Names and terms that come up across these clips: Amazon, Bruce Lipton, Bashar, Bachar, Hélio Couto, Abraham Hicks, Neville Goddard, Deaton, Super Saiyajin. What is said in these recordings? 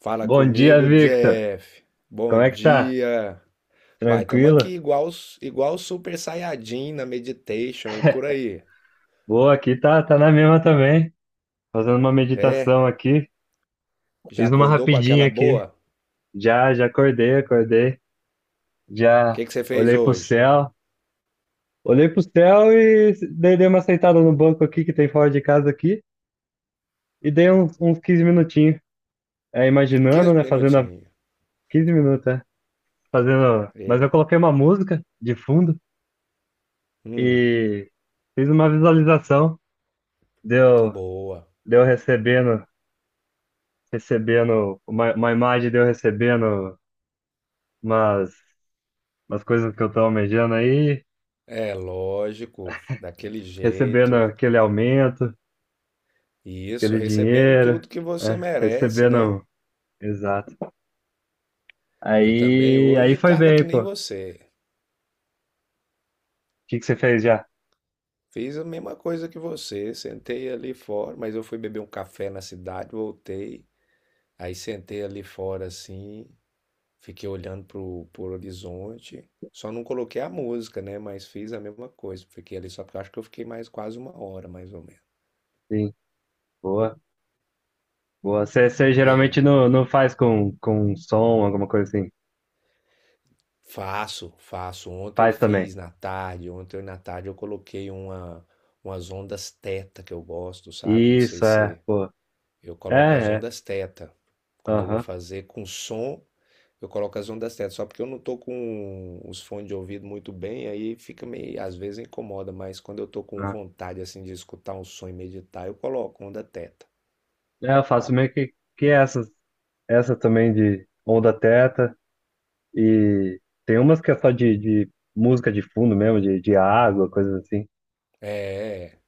Fala Bom dia, comigo, Victor. Jeff. Bom Como é que tá? dia. Uai, tamo aqui Tranquilo? igual os Super Saiyajin na Meditation e por aí. Boa, aqui tá na mesma também. Fazendo uma É? meditação aqui. Já Fiz uma acordou com rapidinha aquela aqui. boa? Já acordei. O Já que que você fez olhei pro hoje? céu. Olhei pro céu e dei uma sentada no banco aqui que tem fora de casa aqui. E dei uns 15 minutinhos. É, imaginando, quinze né? Minutinhos. 15 minutos, é. Fazendo. Mas eu É. coloquei uma música de fundo Hum, e fiz uma visualização. Deu, boa. deu recebendo. Recebendo uma imagem de eu recebendo umas, umas coisas que eu tô almejando aí, É lógico, daquele recebendo jeito. aquele aumento, Isso, aquele recebendo dinheiro, tudo que você né? merece, né? Recebendo, exato. Eu também Aí hoje foi tava que bem, nem pô. O você. que que você fez já? Fiz a mesma coisa que você, sentei ali fora, mas eu fui beber um café na cidade, voltei. Aí sentei ali fora assim, fiquei olhando pro horizonte. Só não coloquei a música, né? Mas fiz a mesma coisa. Fiquei ali só porque eu acho que eu fiquei mais quase uma hora, mais ou menos. Sim, boa, boa. Você E geralmente aí? não faz com som, alguma coisa assim. Faço, faço. Ontem eu Faz também. fiz na tarde. Ontem na tarde eu coloquei umas ondas teta que eu gosto, sabe? Não sei Isso, é, se. pô. Eu coloco as É, é, ondas teta. Quando eu vou aham. fazer com som, eu coloco as ondas teta. Só porque eu não tô com os fones de ouvido muito bem, aí fica meio, às vezes incomoda, mas quando eu tô com Ah. vontade assim de escutar um som e meditar, eu coloco onda teta. É, eu faço meio que essas, essa também de onda teta. E tem umas que é só de música de fundo mesmo, de água, coisas assim. É,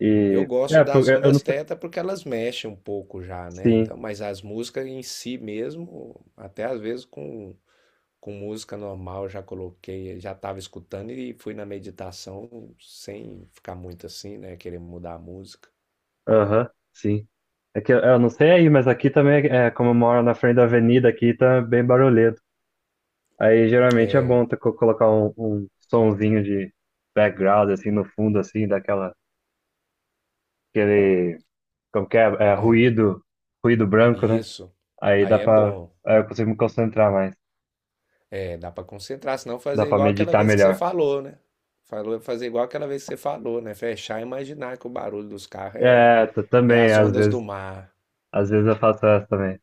E eu gosto é, pô, das eu não ondas sei. teta porque elas mexem um pouco já, né? Sim, Então, mas as músicas em si mesmo, até às vezes com música normal, já coloquei, já estava escutando e fui na meditação sem ficar muito assim, né? Querer mudar a música. aham, sim. É que eu não sei aí, mas aqui também, como eu moro na frente da avenida aqui, tá bem barulhento. Aí geralmente é bom ter, colocar um sonzinho de background, assim, no fundo, assim, aquele, como que é, ruído branco, E né? isso, Aí aí dá é pra, bom. aí eu consigo me concentrar mais, É, dá para concentrar, senão dá fazer pra igual aquela meditar vez que você melhor. falou, né? Falou, fazer igual aquela vez que você falou, né? Fechar e imaginar que o barulho dos carros é, É, é também, as às ondas do vezes. mar. Às vezes eu faço essa também.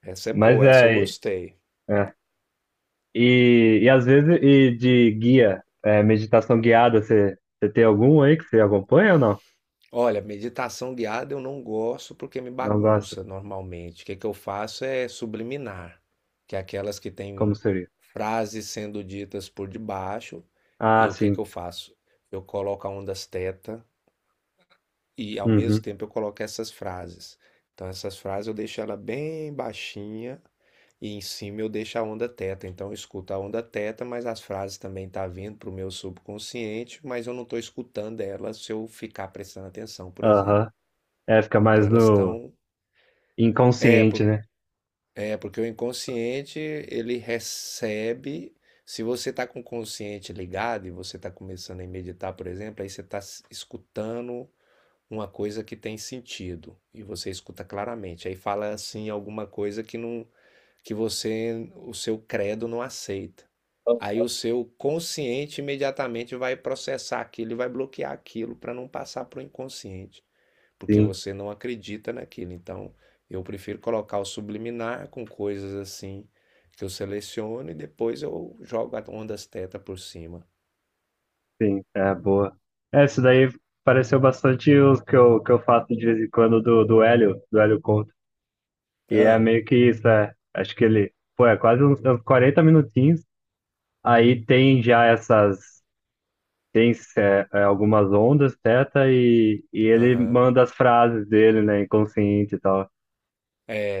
Essa é Mas boa, é essa eu aí. gostei. É. E às vezes, e de guia, é, meditação guiada, você tem algum aí que você acompanha ou não? Olha, meditação guiada eu não gosto porque me Não gosta? bagunça normalmente. O que que eu faço é subliminar, que é aquelas que Como têm seria? frases sendo ditas por debaixo. Ah, E o que que sim. eu faço? Eu coloco a ondas teta e ao mesmo Uhum. tempo eu coloco essas frases. Então essas frases eu deixo ela bem baixinha e em cima eu deixo a onda teta. Então eu escuto a onda teta, mas as frases também estão vindo para o meu subconsciente, mas eu não estou escutando elas se eu ficar prestando atenção, por exemplo. Aham. É, fica Então mais elas no estão. É, inconsciente, né? Porque o inconsciente ele recebe. Se você está com o consciente ligado e você está começando a meditar, por exemplo, aí você está escutando uma coisa que tem sentido e você escuta claramente. Aí fala assim alguma coisa que não, que você, o seu credo não aceita. Aí o seu consciente imediatamente vai processar aquilo e vai bloquear aquilo para não passar para o inconsciente porque Sim, você não acredita naquilo. Então, eu prefiro colocar o subliminar com coisas assim que eu seleciono e depois eu jogo a ondas teta por cima. sim. É, boa. É, isso daí pareceu bastante os que que eu faço de vez em quando do Hélio Couto. E é Ah, meio que isso, é. Acho que ele, pô, é quase uns 40 minutinhos. Aí tem já essas. Tem algumas ondas, teta, e ele aham. manda as frases dele, né, inconsciente e tal.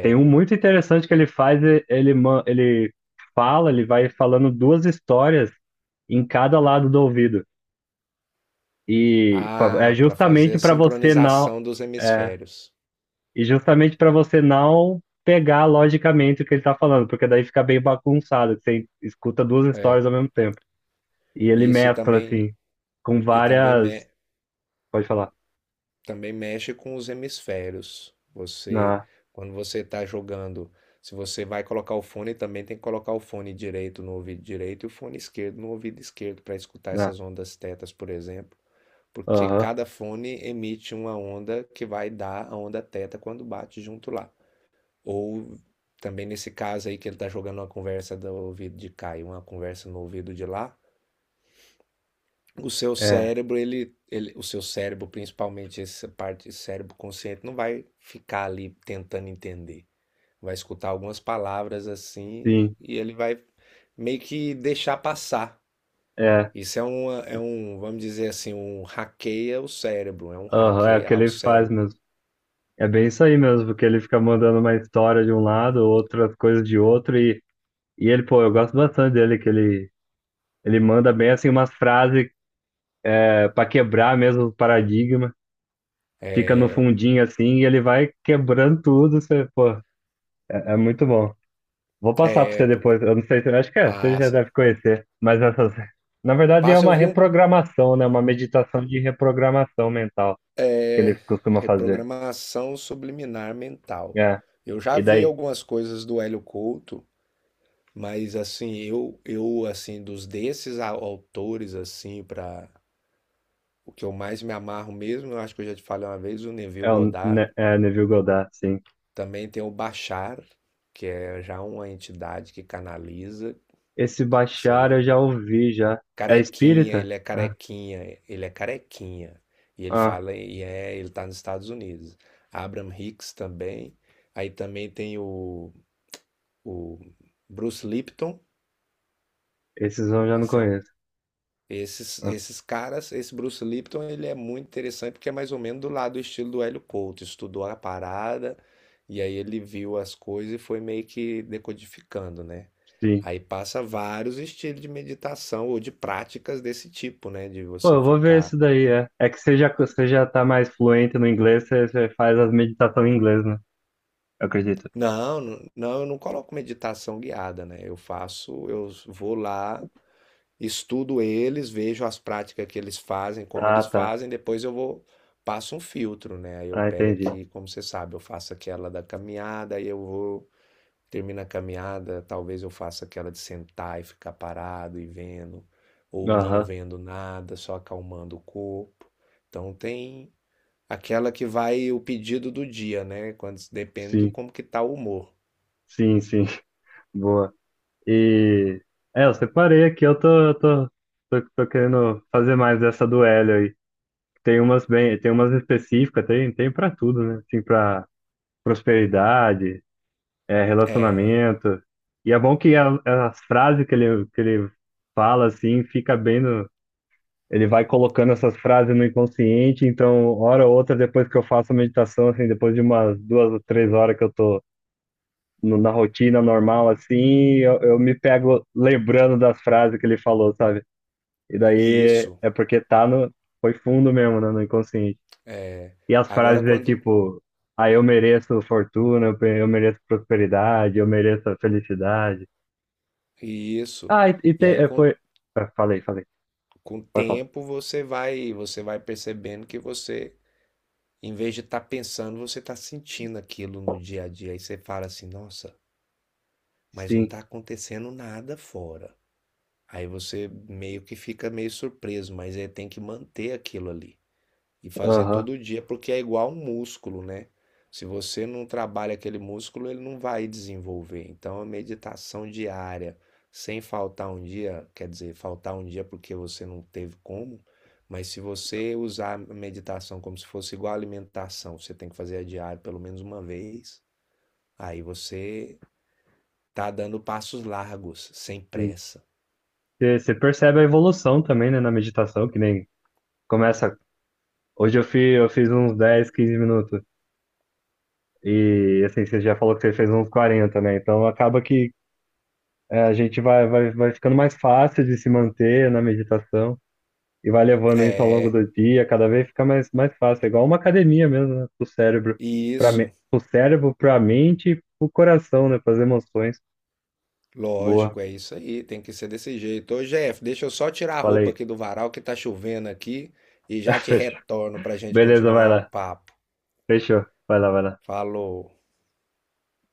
Tem um muito interessante que ele faz, ele vai falando duas histórias em cada lado do ouvido. E é Ah, para fazer justamente a para você não, sincronização dos é, hemisférios. e justamente para você não pegar logicamente o que ele tá falando, porque daí fica bem bagunçado, que você escuta duas É. histórias ao mesmo tempo. E ele Isso e mescla também assim com e também me- várias, pode falar. também mexe com os hemisférios. Você, Não, quando você está jogando, se você vai colocar o fone, também tem que colocar o fone direito no ouvido direito e o fone esquerdo no ouvido esquerdo para escutar não. essas ondas tetas, por exemplo, porque Aham, cada fone emite uma onda que vai dar a onda teta quando bate junto lá. Ou também nesse caso aí que ele está jogando uma conversa do ouvido de cá e uma conversa no ouvido de lá, o seu é, cérebro, principalmente essa parte do cérebro consciente, não vai ficar ali tentando entender. Vai escutar algumas palavras assim sim, e ele vai meio que deixar passar. é, Isso é, vamos dizer assim, um hackeia o cérebro, é um aham, é o hackeia que ao ele faz cérebro. mesmo. É bem isso aí mesmo, porque ele fica mandando uma história de um lado, outras coisas de outro, e ele, pô, eu gosto bastante dele, que ele manda bem assim umas frases é, para quebrar mesmo o paradigma, fica no É, fundinho assim, e ele vai quebrando tudo, você, pô, é muito bom. Vou passar para é, você depois, eu não sei se, acho que é, você já passa. deve conhecer, mas essas, na verdade é Passa, eu uma vi um, reprogramação, né, uma meditação de reprogramação mental que ele é, costuma fazer. reprogramação subliminar mental. É, Eu já e vi daí algumas coisas do Hélio Couto. Mas assim, eu assim dos desses autores assim para o que eu mais me amarro mesmo, eu acho que eu já te falei uma vez, o Neville é o Goddard, Neville Goddard, sim. também tem o Bachar, que é já uma entidade que canaliza Esse isso Bashar aí. eu já ouvi, já. É Carequinha, espírita? ele é Ah, carequinha, ele é carequinha. E ele ah, fala, ele tá nos Estados Unidos. Abraham Hicks também. Aí também tem o Bruce Lipton. esses eu já não esse é conheço. Esses, Ah, esses caras, esse Bruce Lipton, ele é muito interessante porque é mais ou menos do lado do estilo do Hélio Couto. Estudou a parada e aí ele viu as coisas e foi meio que decodificando, né? sim. Aí passa vários estilos de meditação ou de práticas desse tipo, né? De Pô, você eu vou ver isso ficar. daí, é. É que você já tá mais fluente no inglês, você faz as meditações em inglês, né? Eu acredito. Não, não, não, eu não coloco meditação guiada, né? Eu faço, eu vou lá. Estudo eles, vejo as práticas que eles fazem, como Ah, eles tá. fazem, depois eu vou passo um filtro, né? Aí eu Ah, pego entendi. aqui, como você sabe, eu faço aquela da caminhada, aí eu vou termino a caminhada, talvez eu faça aquela de sentar e ficar parado e vendo ou não Aham, vendo nada, só acalmando o corpo. Então tem aquela que vai o pedido do dia, né? Quando depende do sim. como que tá o humor. Sim, sim. Boa. E... É, eu separei aqui, eu tô querendo fazer mais dessa do Hélio. Tem umas específicas, tem para tudo, né? Assim, para prosperidade, é, É, relacionamento. E é bom que as frases que que ele fala, assim, fica bem no. Ele vai colocando essas frases no inconsciente, então, hora ou outra, depois que eu faço a meditação, assim, depois de umas 2 ou 3 horas que eu tô na rotina normal, assim, eu me pego lembrando das frases que ele falou, sabe? E e daí isso, é porque tá no. Foi fundo mesmo, né, no inconsciente. é, E as agora frases é quando tipo, ah, eu mereço fortuna, eu mereço prosperidade, eu mereço a felicidade. e isso. Ah, e E tem, aí. é, com foi, ah, falei, falei, Com o pode falar. tempo você vai percebendo que você, em vez de estar pensando, você está sentindo aquilo no dia a dia. Aí você fala assim, nossa, mas não Sim, está acontecendo nada fora. Aí você meio que fica meio surpreso, mas aí tem que manter aquilo ali e fazer aham, todo dia, porque é igual um músculo, né? Se você não trabalha aquele músculo, ele não vai desenvolver. Então, a meditação diária, sem faltar um dia, quer dizer, faltar um dia porque você não teve como, mas se você usar a meditação como se fosse igual a alimentação, você tem que fazer a diária pelo menos uma vez, aí você tá dando passos largos, sem sim. pressa. Você percebe a evolução também, né, na meditação, que nem começa, hoje eu fiz uns 10 15 minutos, e assim, você já falou que você fez uns 40, né, então acaba que é, a gente vai ficando mais fácil de se manter na meditação. E vai levando isso ao longo É, do dia, cada vez fica mais fácil. É igual uma academia mesmo, né? Do cérebro e isso. O cérebro para a mente e o coração, né? Para as emoções. Boa, Lógico, é isso aí, tem que ser desse jeito. Ô, Jeff, deixa eu só tirar a roupa falei. aqui do varal que tá chovendo aqui e já te Fechou. retorno pra gente Beleza, vai continuar o lá. papo. Fechou. Vai lá, vai lá. Falou.